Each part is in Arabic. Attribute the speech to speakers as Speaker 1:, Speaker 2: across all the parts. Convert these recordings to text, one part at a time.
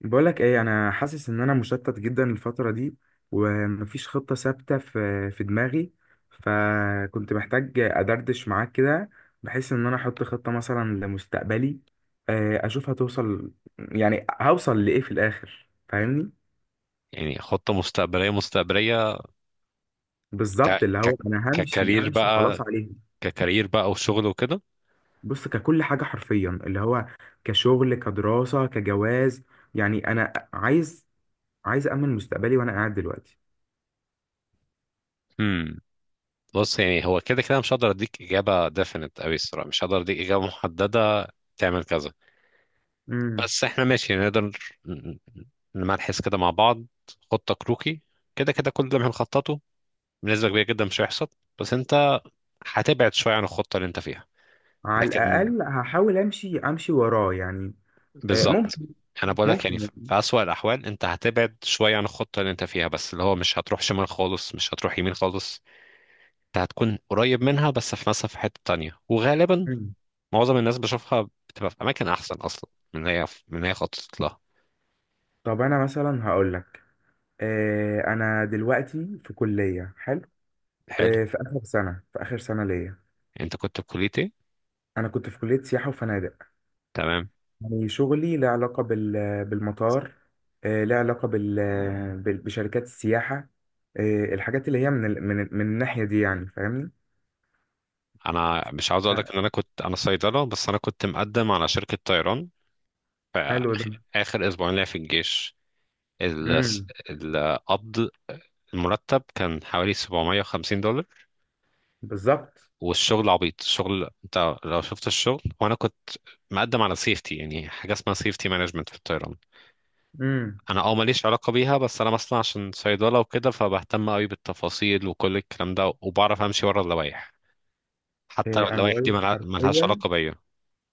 Speaker 1: بقولك ايه، انا حاسس ان انا مشتت جدا الفترة دي. ومفيش خطة ثابتة في دماغي. فكنت محتاج ادردش معاك كده، بحيث ان انا احط خطة مثلا لمستقبلي. اشوف هتوصل، يعني هوصل لايه في الاخر، فاهمني؟
Speaker 2: يعني خطة مستقبلية. ك
Speaker 1: بالظبط، اللي
Speaker 2: ك
Speaker 1: هو انا همشي
Speaker 2: ككارير
Speaker 1: همشي
Speaker 2: بقى
Speaker 1: خلاص عليه.
Speaker 2: ككارير بقى وشغل وكده.
Speaker 1: بص، ككل حاجة حرفيا، اللي هو كشغل، كدراسة، كجواز. يعني انا عايز امن مستقبلي وانا قاعد دلوقتي.
Speaker 2: امم. بص، يعني هو كده كده مش هقدر اديك اجابة definite قوي الصراحة، مش هقدر اديك اجابة محددة تعمل كذا. بس احنا ماشي، يعني نقدر ن- نمرحز كده مع بعض. خطة كروكي. كده كده كل اللي بنخططه بنسبة كبيرة جدا مش هيحصل، بس انت هتبعد شوية عن الخطة اللي انت فيها.
Speaker 1: على
Speaker 2: لكن
Speaker 1: الأقل هحاول أمشي أمشي وراه يعني.
Speaker 2: بالظبط،
Speaker 1: ممكن.
Speaker 2: انا بقول لك يعني
Speaker 1: ممكن
Speaker 2: في
Speaker 1: يعني.
Speaker 2: في اسوأ الاحوال انت هتبعد شويه عن الخطه اللي انت فيها، بس اللي هو مش هتروح شمال خالص، مش هتروح يمين خالص. انت هتكون قريب منها بس في مثلا في حته تانية، وغالبا
Speaker 1: مم.
Speaker 2: معظم الناس بشوفها بتبقى في اماكن احسن اصلا من اللي هي خططت لها.
Speaker 1: طب أنا مثلا هقول لك. أنا دلوقتي في كلية، حلو.
Speaker 2: حلو.
Speaker 1: في آخر سنة ليا.
Speaker 2: انت كنت في كليه ايه؟
Speaker 1: أنا كنت في كلية سياحة وفنادق.
Speaker 2: تمام.
Speaker 1: يعني شغلي له علاقة بالمطار. له علاقة بشركات السياحة. الحاجات اللي هي من الناحية دي، يعني فاهمني.
Speaker 2: انا مش عاوز اقول لك
Speaker 1: آه،
Speaker 2: ان انا كنت صيدله، بس انا كنت مقدم على شركه طيران في
Speaker 1: حلو ده.
Speaker 2: اخر اسبوعين ليا في الجيش. ال-
Speaker 1: امم
Speaker 2: القبض، المرتب كان حوالي $750.
Speaker 1: بالظبط.
Speaker 2: والشغل عبيط، الشغل انت لو شفت الشغل، وانا كنت مقدم على سيفتي، يعني حاجه اسمها سيفتي مانجمنت في الطيران.
Speaker 1: امم.
Speaker 2: انا ماليش علاقه بيها، بس انا مثلا عشان صيدله وكده فبهتم قوي بالتفاصيل وكل الكلام ده، وبعرف امشي ورا اللوائح حتى لو
Speaker 1: إيه، انا
Speaker 2: اللوائح
Speaker 1: بقول
Speaker 2: دي
Speaker 1: لك
Speaker 2: ملهاش
Speaker 1: حرفيا.
Speaker 2: علاقه بيا.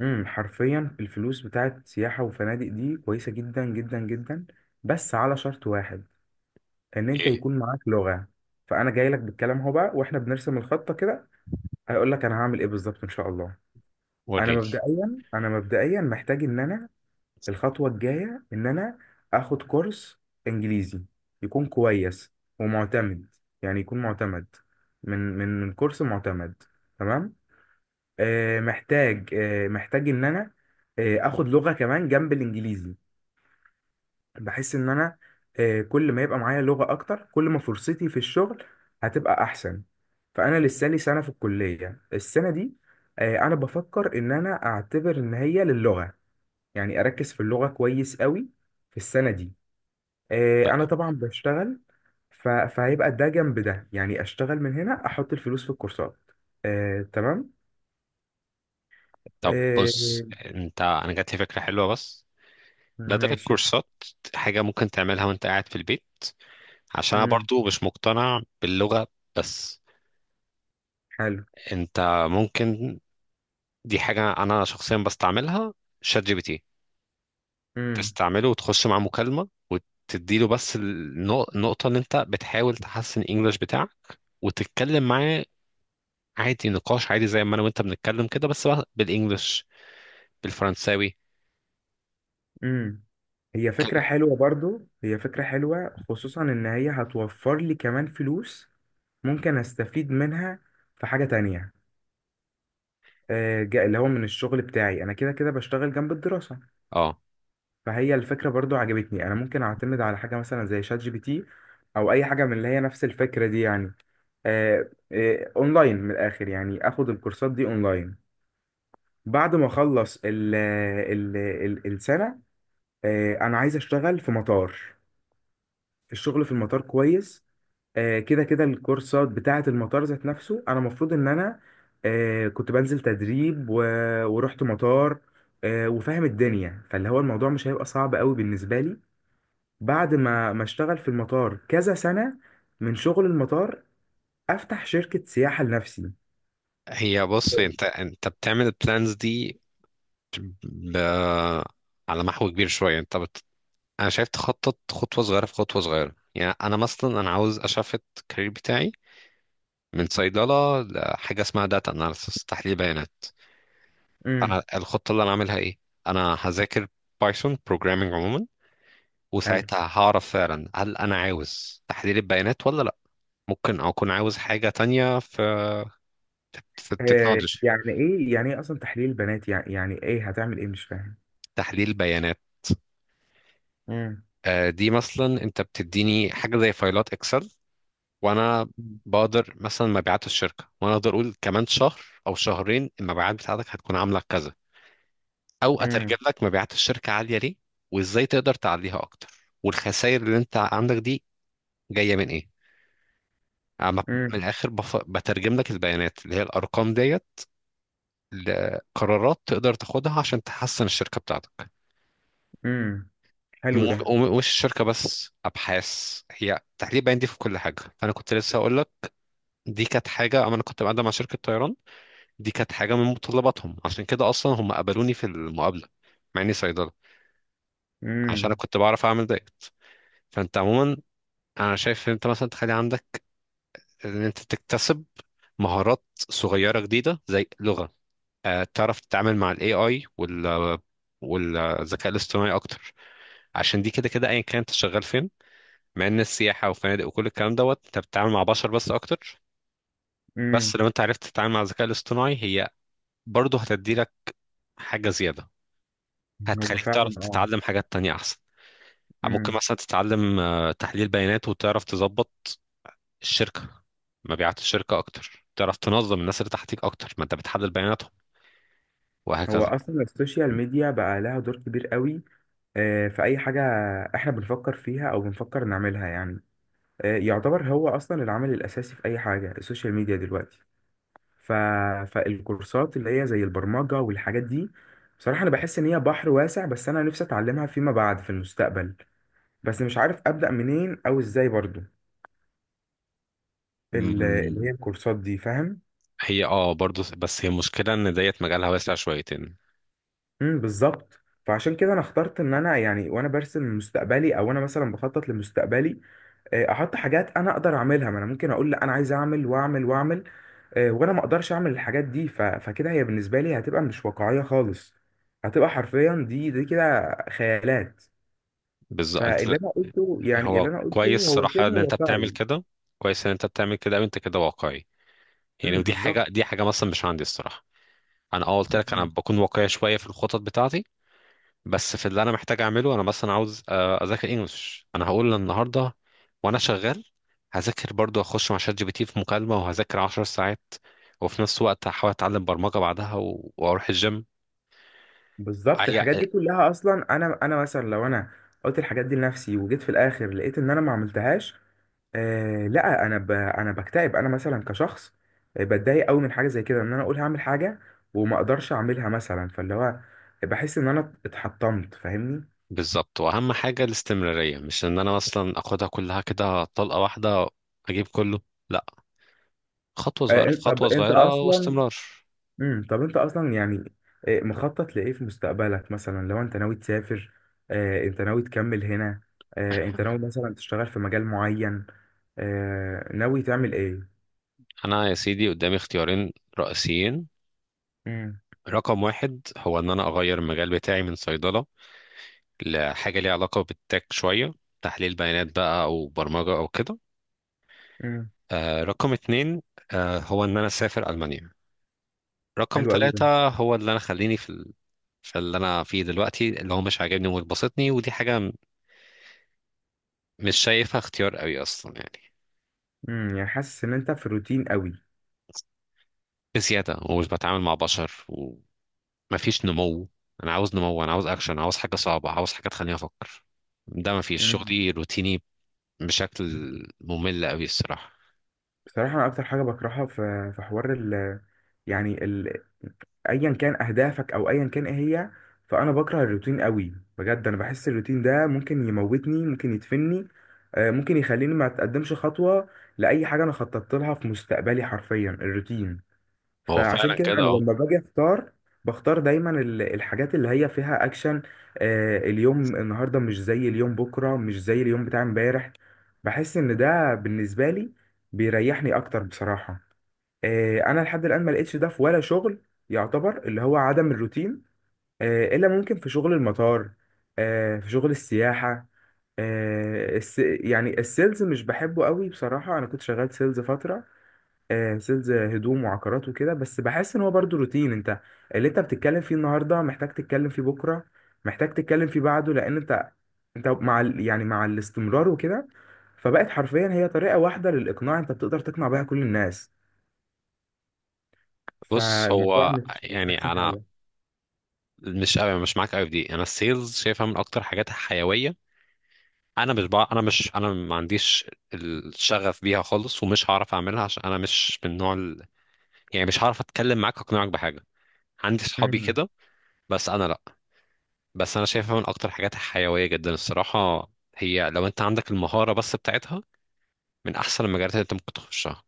Speaker 1: حرفيا الفلوس بتاعت سياحة وفنادق دي كويسة جدا جدا جدا، بس على شرط واحد، ان انت
Speaker 2: ايه؟
Speaker 1: يكون معاك لغة. فانا جاي لك بالكلام اهو بقى واحنا بنرسم الخطة كده، هيقول لك انا هعمل ايه بالظبط ان شاء الله. انا
Speaker 2: وريني.
Speaker 1: مبدئيا انا مبدئيا محتاج ان انا، الخطوة الجاية ان انا اخد كورس انجليزي يكون كويس ومعتمد. يعني يكون معتمد، من كورس معتمد، تمام. محتاج ان انا اخد لغة كمان جنب الانجليزي. بحس ان انا كل ما يبقى معايا لغة اكتر، كل ما فرصتي في الشغل هتبقى احسن. فانا لسه لي سنة في الكلية السنة دي. انا بفكر ان انا اعتبر ان هي للغة، يعني اركز في اللغة كويس قوي في السنة دي. انا طبعا بشتغل، فهيبقى ده جنب ده، يعني اشتغل من هنا، احط الفلوس في الكورسات. تمام.
Speaker 2: طب بص
Speaker 1: آه،
Speaker 2: انت، انا جات لي فكره حلوه. بس بدل
Speaker 1: ماشي.
Speaker 2: الكورسات، حاجه ممكن تعملها وانت قاعد في البيت، عشان انا
Speaker 1: مم.
Speaker 2: برضو مش مقتنع باللغه. بس
Speaker 1: حلو.
Speaker 2: انت ممكن، دي حاجة أنا شخصيا بستعملها: شات جي بي تي.
Speaker 1: امم.
Speaker 2: تستعمله وتخش مع مكالمة وتديله، بس النقطة إن أنت بتحاول تحسن الإنجليش بتاعك وتتكلم معاه، عادي نقاش عادي زي ما أنا وأنت بنتكلم كده، بس بقى بالإنجليش، بالفرنساوي
Speaker 1: امم هي
Speaker 2: كده.
Speaker 1: فكرة حلوة برضو، هي فكرة حلوة، خصوصا ان هي هتوفر لي كمان فلوس. ممكن استفيد منها في حاجة تانية. اللي هو من الشغل بتاعي، انا كده كده بشتغل جنب الدراسة.
Speaker 2: أه.
Speaker 1: فهي الفكرة برضو عجبتني، انا ممكن اعتمد على حاجة مثلا زي شات جي بي تي، او اي حاجة من اللي هي نفس الفكرة دي يعني. اونلاين، من الاخر يعني اخد الكورسات دي اونلاين. بعد ما اخلص ال السنة، انا عايز اشتغل في مطار. الشغل في المطار كويس. كده كده الكورسات بتاعة المطار ذات نفسه، أنا المفروض إن أنا كنت بنزل تدريب ورحت مطار. وفاهم الدنيا، فاللي هو الموضوع مش هيبقى صعب قوي بالنسبة لي. بعد ما اشتغل في المطار كذا سنة، من شغل المطار، أفتح شركة سياحة لنفسي.
Speaker 2: هي بص أنت بتعمل البلانز دي ب... على محو كبير شوية، أنت أنا شايف تخطط خطوة صغيرة في خطوة صغيرة. يعني أنا مثلا أنا عاوز أشفت الكارير بتاعي من صيدلة لحاجة اسمها داتا اناليسس، تحليل بيانات.
Speaker 1: امم.
Speaker 2: فأنا الخطة اللي أنا عاملها إيه؟ أنا هذاكر بايثون بروجرامينج عموما،
Speaker 1: حلو.
Speaker 2: وساعتها هعرف فعلا هل أنا عاوز تحليل البيانات ولا لأ. ممكن أكون عاوز حاجة تانية في التكنولوجي.
Speaker 1: يعني إيه أصلا تحليل البنات، يعني إيه هتعمل إيه، مش فاهم.
Speaker 2: تحليل بيانات،
Speaker 1: امم.
Speaker 2: دي مثلا أنت بتديني حاجة زي فايلات إكسل، وأنا بقدر مثلا مبيعات الشركة، وأنا أقدر أقول كمان شهر أو شهرين المبيعات بتاعتك هتكون عاملة كذا، او اترجم
Speaker 1: امم.
Speaker 2: لك مبيعات الشركه عاليه ليه، وازاي تقدر تعليها اكتر، والخسائر اللي انت عندك دي جايه من ايه. أنا ب- من
Speaker 1: امم.
Speaker 2: الاخر بترجم لك البيانات اللي هي الارقام ديت، لقرارات تقدر تاخدها عشان تحسن الشركه بتاعتك.
Speaker 1: امم. حلو ده.
Speaker 2: مش الشركه بس، ابحاث، هي تحليل بيان دي في كل حاجه. فانا كنت لسه اقول لك، دي كانت حاجه اما انا كنت بقدم مع شركه طيران، دي كانت حاجه من متطلباتهم، عشان كده اصلا هم قبلوني في المقابله مع اني صيدله، عشان انا
Speaker 1: امم.
Speaker 2: كنت بعرف اعمل دايت. فانت عموما، انا شايف ان انت مثلا تخلي عندك ان انت تكتسب مهارات صغيره جديده زي لغه. تعرف تتعامل مع الاي اي والذكاء الاصطناعي اكتر، عشان دي كده كده ايا كان انت شغال فين. مع ان السياحه وفنادق وكل الكلام دوت انت بتتعامل مع بشر بس اكتر، بس
Speaker 1: امم.
Speaker 2: لو انت عرفت تتعامل مع الذكاء الاصطناعي، هي برضه هتدي لك حاجه زياده،
Speaker 1: هو
Speaker 2: هتخليك
Speaker 1: فعلا
Speaker 2: تعرف
Speaker 1: اه.
Speaker 2: تتعلم حاجات تانية احسن. ممكن
Speaker 1: امم.
Speaker 2: مثلا تتعلم تحليل بيانات وتعرف تظبط الشركة، مبيعات الشركة أكتر، تعرف تنظم الناس اللي تحتيك أكتر، ما أنت بتحدد بياناتهم،
Speaker 1: هو
Speaker 2: وهكذا.
Speaker 1: اصلا السوشيال ميديا بقى لها دور كبير قوي في اي حاجه احنا بنفكر فيها او بنفكر نعملها يعني. يعتبر هو اصلا العامل الاساسي في اي حاجه السوشيال ميديا دلوقتي. ف... فالكورسات اللي هي زي البرمجه والحاجات دي، بصراحه انا بحس ان هي بحر واسع، بس انا نفسي اتعلمها فيما بعد في المستقبل. بس مش عارف ابدا منين او ازاي برضو
Speaker 2: مم،
Speaker 1: اللي هي الكورسات دي، فاهم.
Speaker 2: هي برضو، بس هي المشكلة إن ديت مجالها واسع شويتين.
Speaker 1: امم، بالظبط. فعشان كده انا اخترت ان انا يعني، وانا برسم مستقبلي او انا مثلا بخطط لمستقبلي، احط حاجات انا اقدر اعملها، ما انا ممكن اقول لا انا عايز اعمل واعمل واعمل وانا ما اقدرش اعمل الحاجات دي. فكده هي بالنسبه لي هتبقى مش واقعيه خالص، هتبقى حرفيا دي كده خيالات.
Speaker 2: بالظبط.
Speaker 1: فاللي انا قلته يعني
Speaker 2: هو
Speaker 1: اللي انا قلته
Speaker 2: كويس
Speaker 1: هو
Speaker 2: صراحة إن
Speaker 1: شبه
Speaker 2: أنت بتعمل
Speaker 1: واقعي.
Speaker 2: كده، كويس إن أنت بتعمل كده وأنت كده واقعي، يعني
Speaker 1: امم،
Speaker 2: ودي
Speaker 1: بالظبط.
Speaker 2: حاجة، دي حاجة مثلا مش عندي الصراحة. أنا قلت لك أنا
Speaker 1: مم.
Speaker 2: بكون واقعي شوية في الخطط بتاعتي، بس في اللي انا محتاج اعمله. انا مثلا عاوز اذاكر انجلش، انا هقول النهارده وانا شغال هذاكر، برضو اخش مع شات جي بي تي في مكالمه وهذاكر 10 ساعات، وفي نفس الوقت هحاول اتعلم برمجه بعدها واروح الجيم.
Speaker 1: بالظبط،
Speaker 2: أي-
Speaker 1: الحاجات
Speaker 2: آه،
Speaker 1: دي كلها اصلا انا مثلا لو انا قلت الحاجات دي لنفسي وجيت في الاخر لقيت ان انا ما عملتهاش، لا، انا بكتئب. انا مثلا كشخص بتضايق قوي من حاجه زي كده، ان انا اقول هعمل حاجه وما اقدرش اعملها مثلا، فاللي هو بحس ان انا اتحطمت، فاهمني.
Speaker 2: بالظبط. واهم حاجه الاستمراريه، مش ان انا مثلا اخدها كلها كده طلقه واحده، اجيب كله، لا. خطوه
Speaker 1: آه
Speaker 2: صغيره في
Speaker 1: انت طب
Speaker 2: خطوه
Speaker 1: انت
Speaker 2: صغيره
Speaker 1: اصلا
Speaker 2: واستمرار.
Speaker 1: طب انت اصلا يعني مخطط لايه في مستقبلك؟ مثلا لو انت ناوي تسافر، انت ناوي تكمل هنا، انت ناوي مثلا تشتغل في مجال معين، ناوي تعمل ايه؟
Speaker 2: انا يا سيدي قدامي اختيارين رئيسيين.
Speaker 1: امم.
Speaker 2: رقم واحد هو ان انا اغير المجال بتاعي من صيدله لحاجة ليها علاقة بالتك شوية، تحليل بيانات بقى أو برمجة أو كده.
Speaker 1: امم.
Speaker 2: رقم اتنين، هو إن أنا أسافر ألمانيا. رقم
Speaker 1: حلو قوي ده.
Speaker 2: تلاتة هو اللي أنا خليني في اللي أنا فيه دلوقتي، اللي هو مش عاجبني ومش باسطني، ودي حاجة مش شايفها اختيار قوي أصلا يعني.
Speaker 1: امم. يعني حاسس ان انت في روتين
Speaker 2: بزيادة، ومش بتعامل مع بشر، ومفيش نمو. أنا عاوز نمو، أنا عاوز أكشن، عاوز حاجة صعبة، عاوز حاجة تخليني أفكر. ده مفيش،
Speaker 1: قوي.
Speaker 2: شغلي روتيني بشكل ممل قوي الصراحة.
Speaker 1: بصراحة أنا أكتر حاجة بكرهها في حوار ال يعني ال أيا كان أهدافك، أو أيا كان إيه هي. فأنا بكره الروتين قوي بجد، أنا بحس الروتين ده ممكن يموتني، ممكن يدفني، ممكن يخليني ما أتقدمش خطوة لأي حاجة أنا خططت لها في مستقبلي، حرفيا الروتين.
Speaker 2: هو
Speaker 1: فعشان
Speaker 2: فعلا
Speaker 1: كده
Speaker 2: كده.
Speaker 1: انا
Speaker 2: آه.
Speaker 1: لما باجي اختار، بختار دايما الحاجات اللي هي فيها اكشن. اليوم النهارده مش زي اليوم بكره، مش زي اليوم بتاع امبارح. بحس ان ده بالنسبه لي بيريحني اكتر بصراحه. انا لحد الان ما لقيتش ده في ولا شغل، يعتبر اللي هو عدم الروتين، الا ممكن في شغل المطار، في شغل السياحه. آه الس يعني السيلز مش بحبه قوي بصراحه، انا كنت شغال سيلز فتره، سيلز هدوم وعقارات وكده. بس بحس ان هو برضو روتين، انت اللي انت بتتكلم فيه النهارده محتاج تتكلم فيه بكره، محتاج تتكلم فيه بعده، لان انت مع يعني مع الاستمرار وكده، فبقت حرفيا هي طريقه واحده للاقناع، انت بتقدر تقنع بيها كل الناس.
Speaker 2: بص
Speaker 1: فالموضوع
Speaker 2: هو
Speaker 1: مش
Speaker 2: يعني
Speaker 1: احسن
Speaker 2: انا
Speaker 1: حاجه.
Speaker 2: مش قوي، مش معاك قوي في دي، انا السيلز شايفها من اكتر حاجات حيويه. انا مش، بقى انا مش، انا ما عنديش الشغف بيها خالص، ومش هعرف اعملها عشان انا مش من نوع يعني مش هعرف اتكلم معاك اقنعك بحاجه، عندي صحابي
Speaker 1: مم.
Speaker 2: كده. بس انا لا، بس انا شايفها من اكتر حاجات حيويه جدا الصراحه، هي لو انت عندك المهاره بس بتاعتها من احسن المجالات اللي انت ممكن تخشها.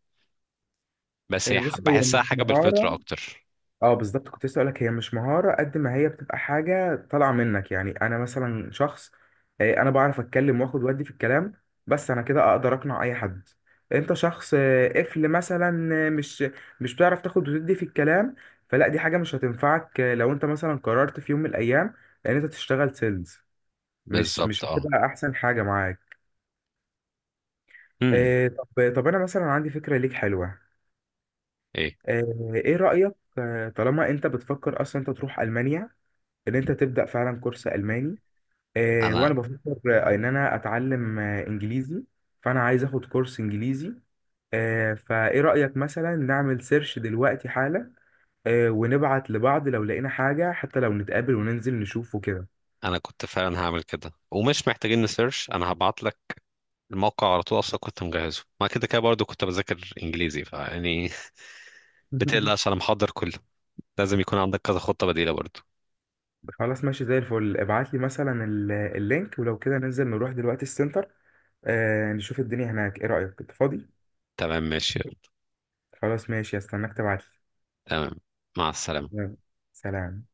Speaker 2: بس هي
Speaker 1: بص، هو
Speaker 2: بحسها
Speaker 1: مش
Speaker 2: حاجه بالفطره
Speaker 1: مهاره.
Speaker 2: اكتر.
Speaker 1: اه، بالظبط، كنت لسه اقولك هي مش مهارة قد ما هي بتبقى حاجة طالعة منك. يعني انا مثلا شخص، انا بعرف اتكلم واخد ودي في الكلام، بس انا كده اقدر اقنع اي حد. انت شخص قفل مثلا، مش بتعرف تاخد وتدي في الكلام، فلا دي حاجة مش هتنفعك. لو انت مثلا قررت في يوم من الايام ان انت تشتغل سيلز، مش
Speaker 2: بالظبط.
Speaker 1: مش
Speaker 2: اه.
Speaker 1: هتبقى احسن حاجة معاك.
Speaker 2: امم.
Speaker 1: طب انا مثلا عندي فكرة ليك حلوة.
Speaker 2: ايه.
Speaker 1: آه، ايه رأيك؟ طالما انت بتفكر اصلا انت تروح المانيا، ان انت تبدا فعلا كورس الماني،
Speaker 2: انا
Speaker 1: وانا بفكر ان انا اتعلم انجليزي، فانا عايز اخد كورس انجليزي. فايه رايك مثلا نعمل سيرش دلوقتي حالا، ونبعت لبعض لو لقينا حاجه، حتى لو نتقابل وننزل نشوفه كده؟
Speaker 2: انا كنت فعلا هعمل كده، ومش محتاجين نسيرش، انا هبعت لك الموقع على طول، اصلا كنت مجهزه، ما كده كده برضو كنت بذاكر انجليزي، فيعني بتقلقش، انا محضر كله. لازم يكون عندك كذا خطة بديلة برضو.
Speaker 1: خلاص ماشي زي الفل، ابعت لي مثلا اللينك، ولو كده ننزل نروح دلوقتي السنتر، نشوف الدنيا هناك. ايه رايك، انت فاضي؟
Speaker 2: تمام، ماشي.
Speaker 1: خلاص ماشي، استناك تبعت
Speaker 2: تمام. مع السلامة.
Speaker 1: لي. سلام.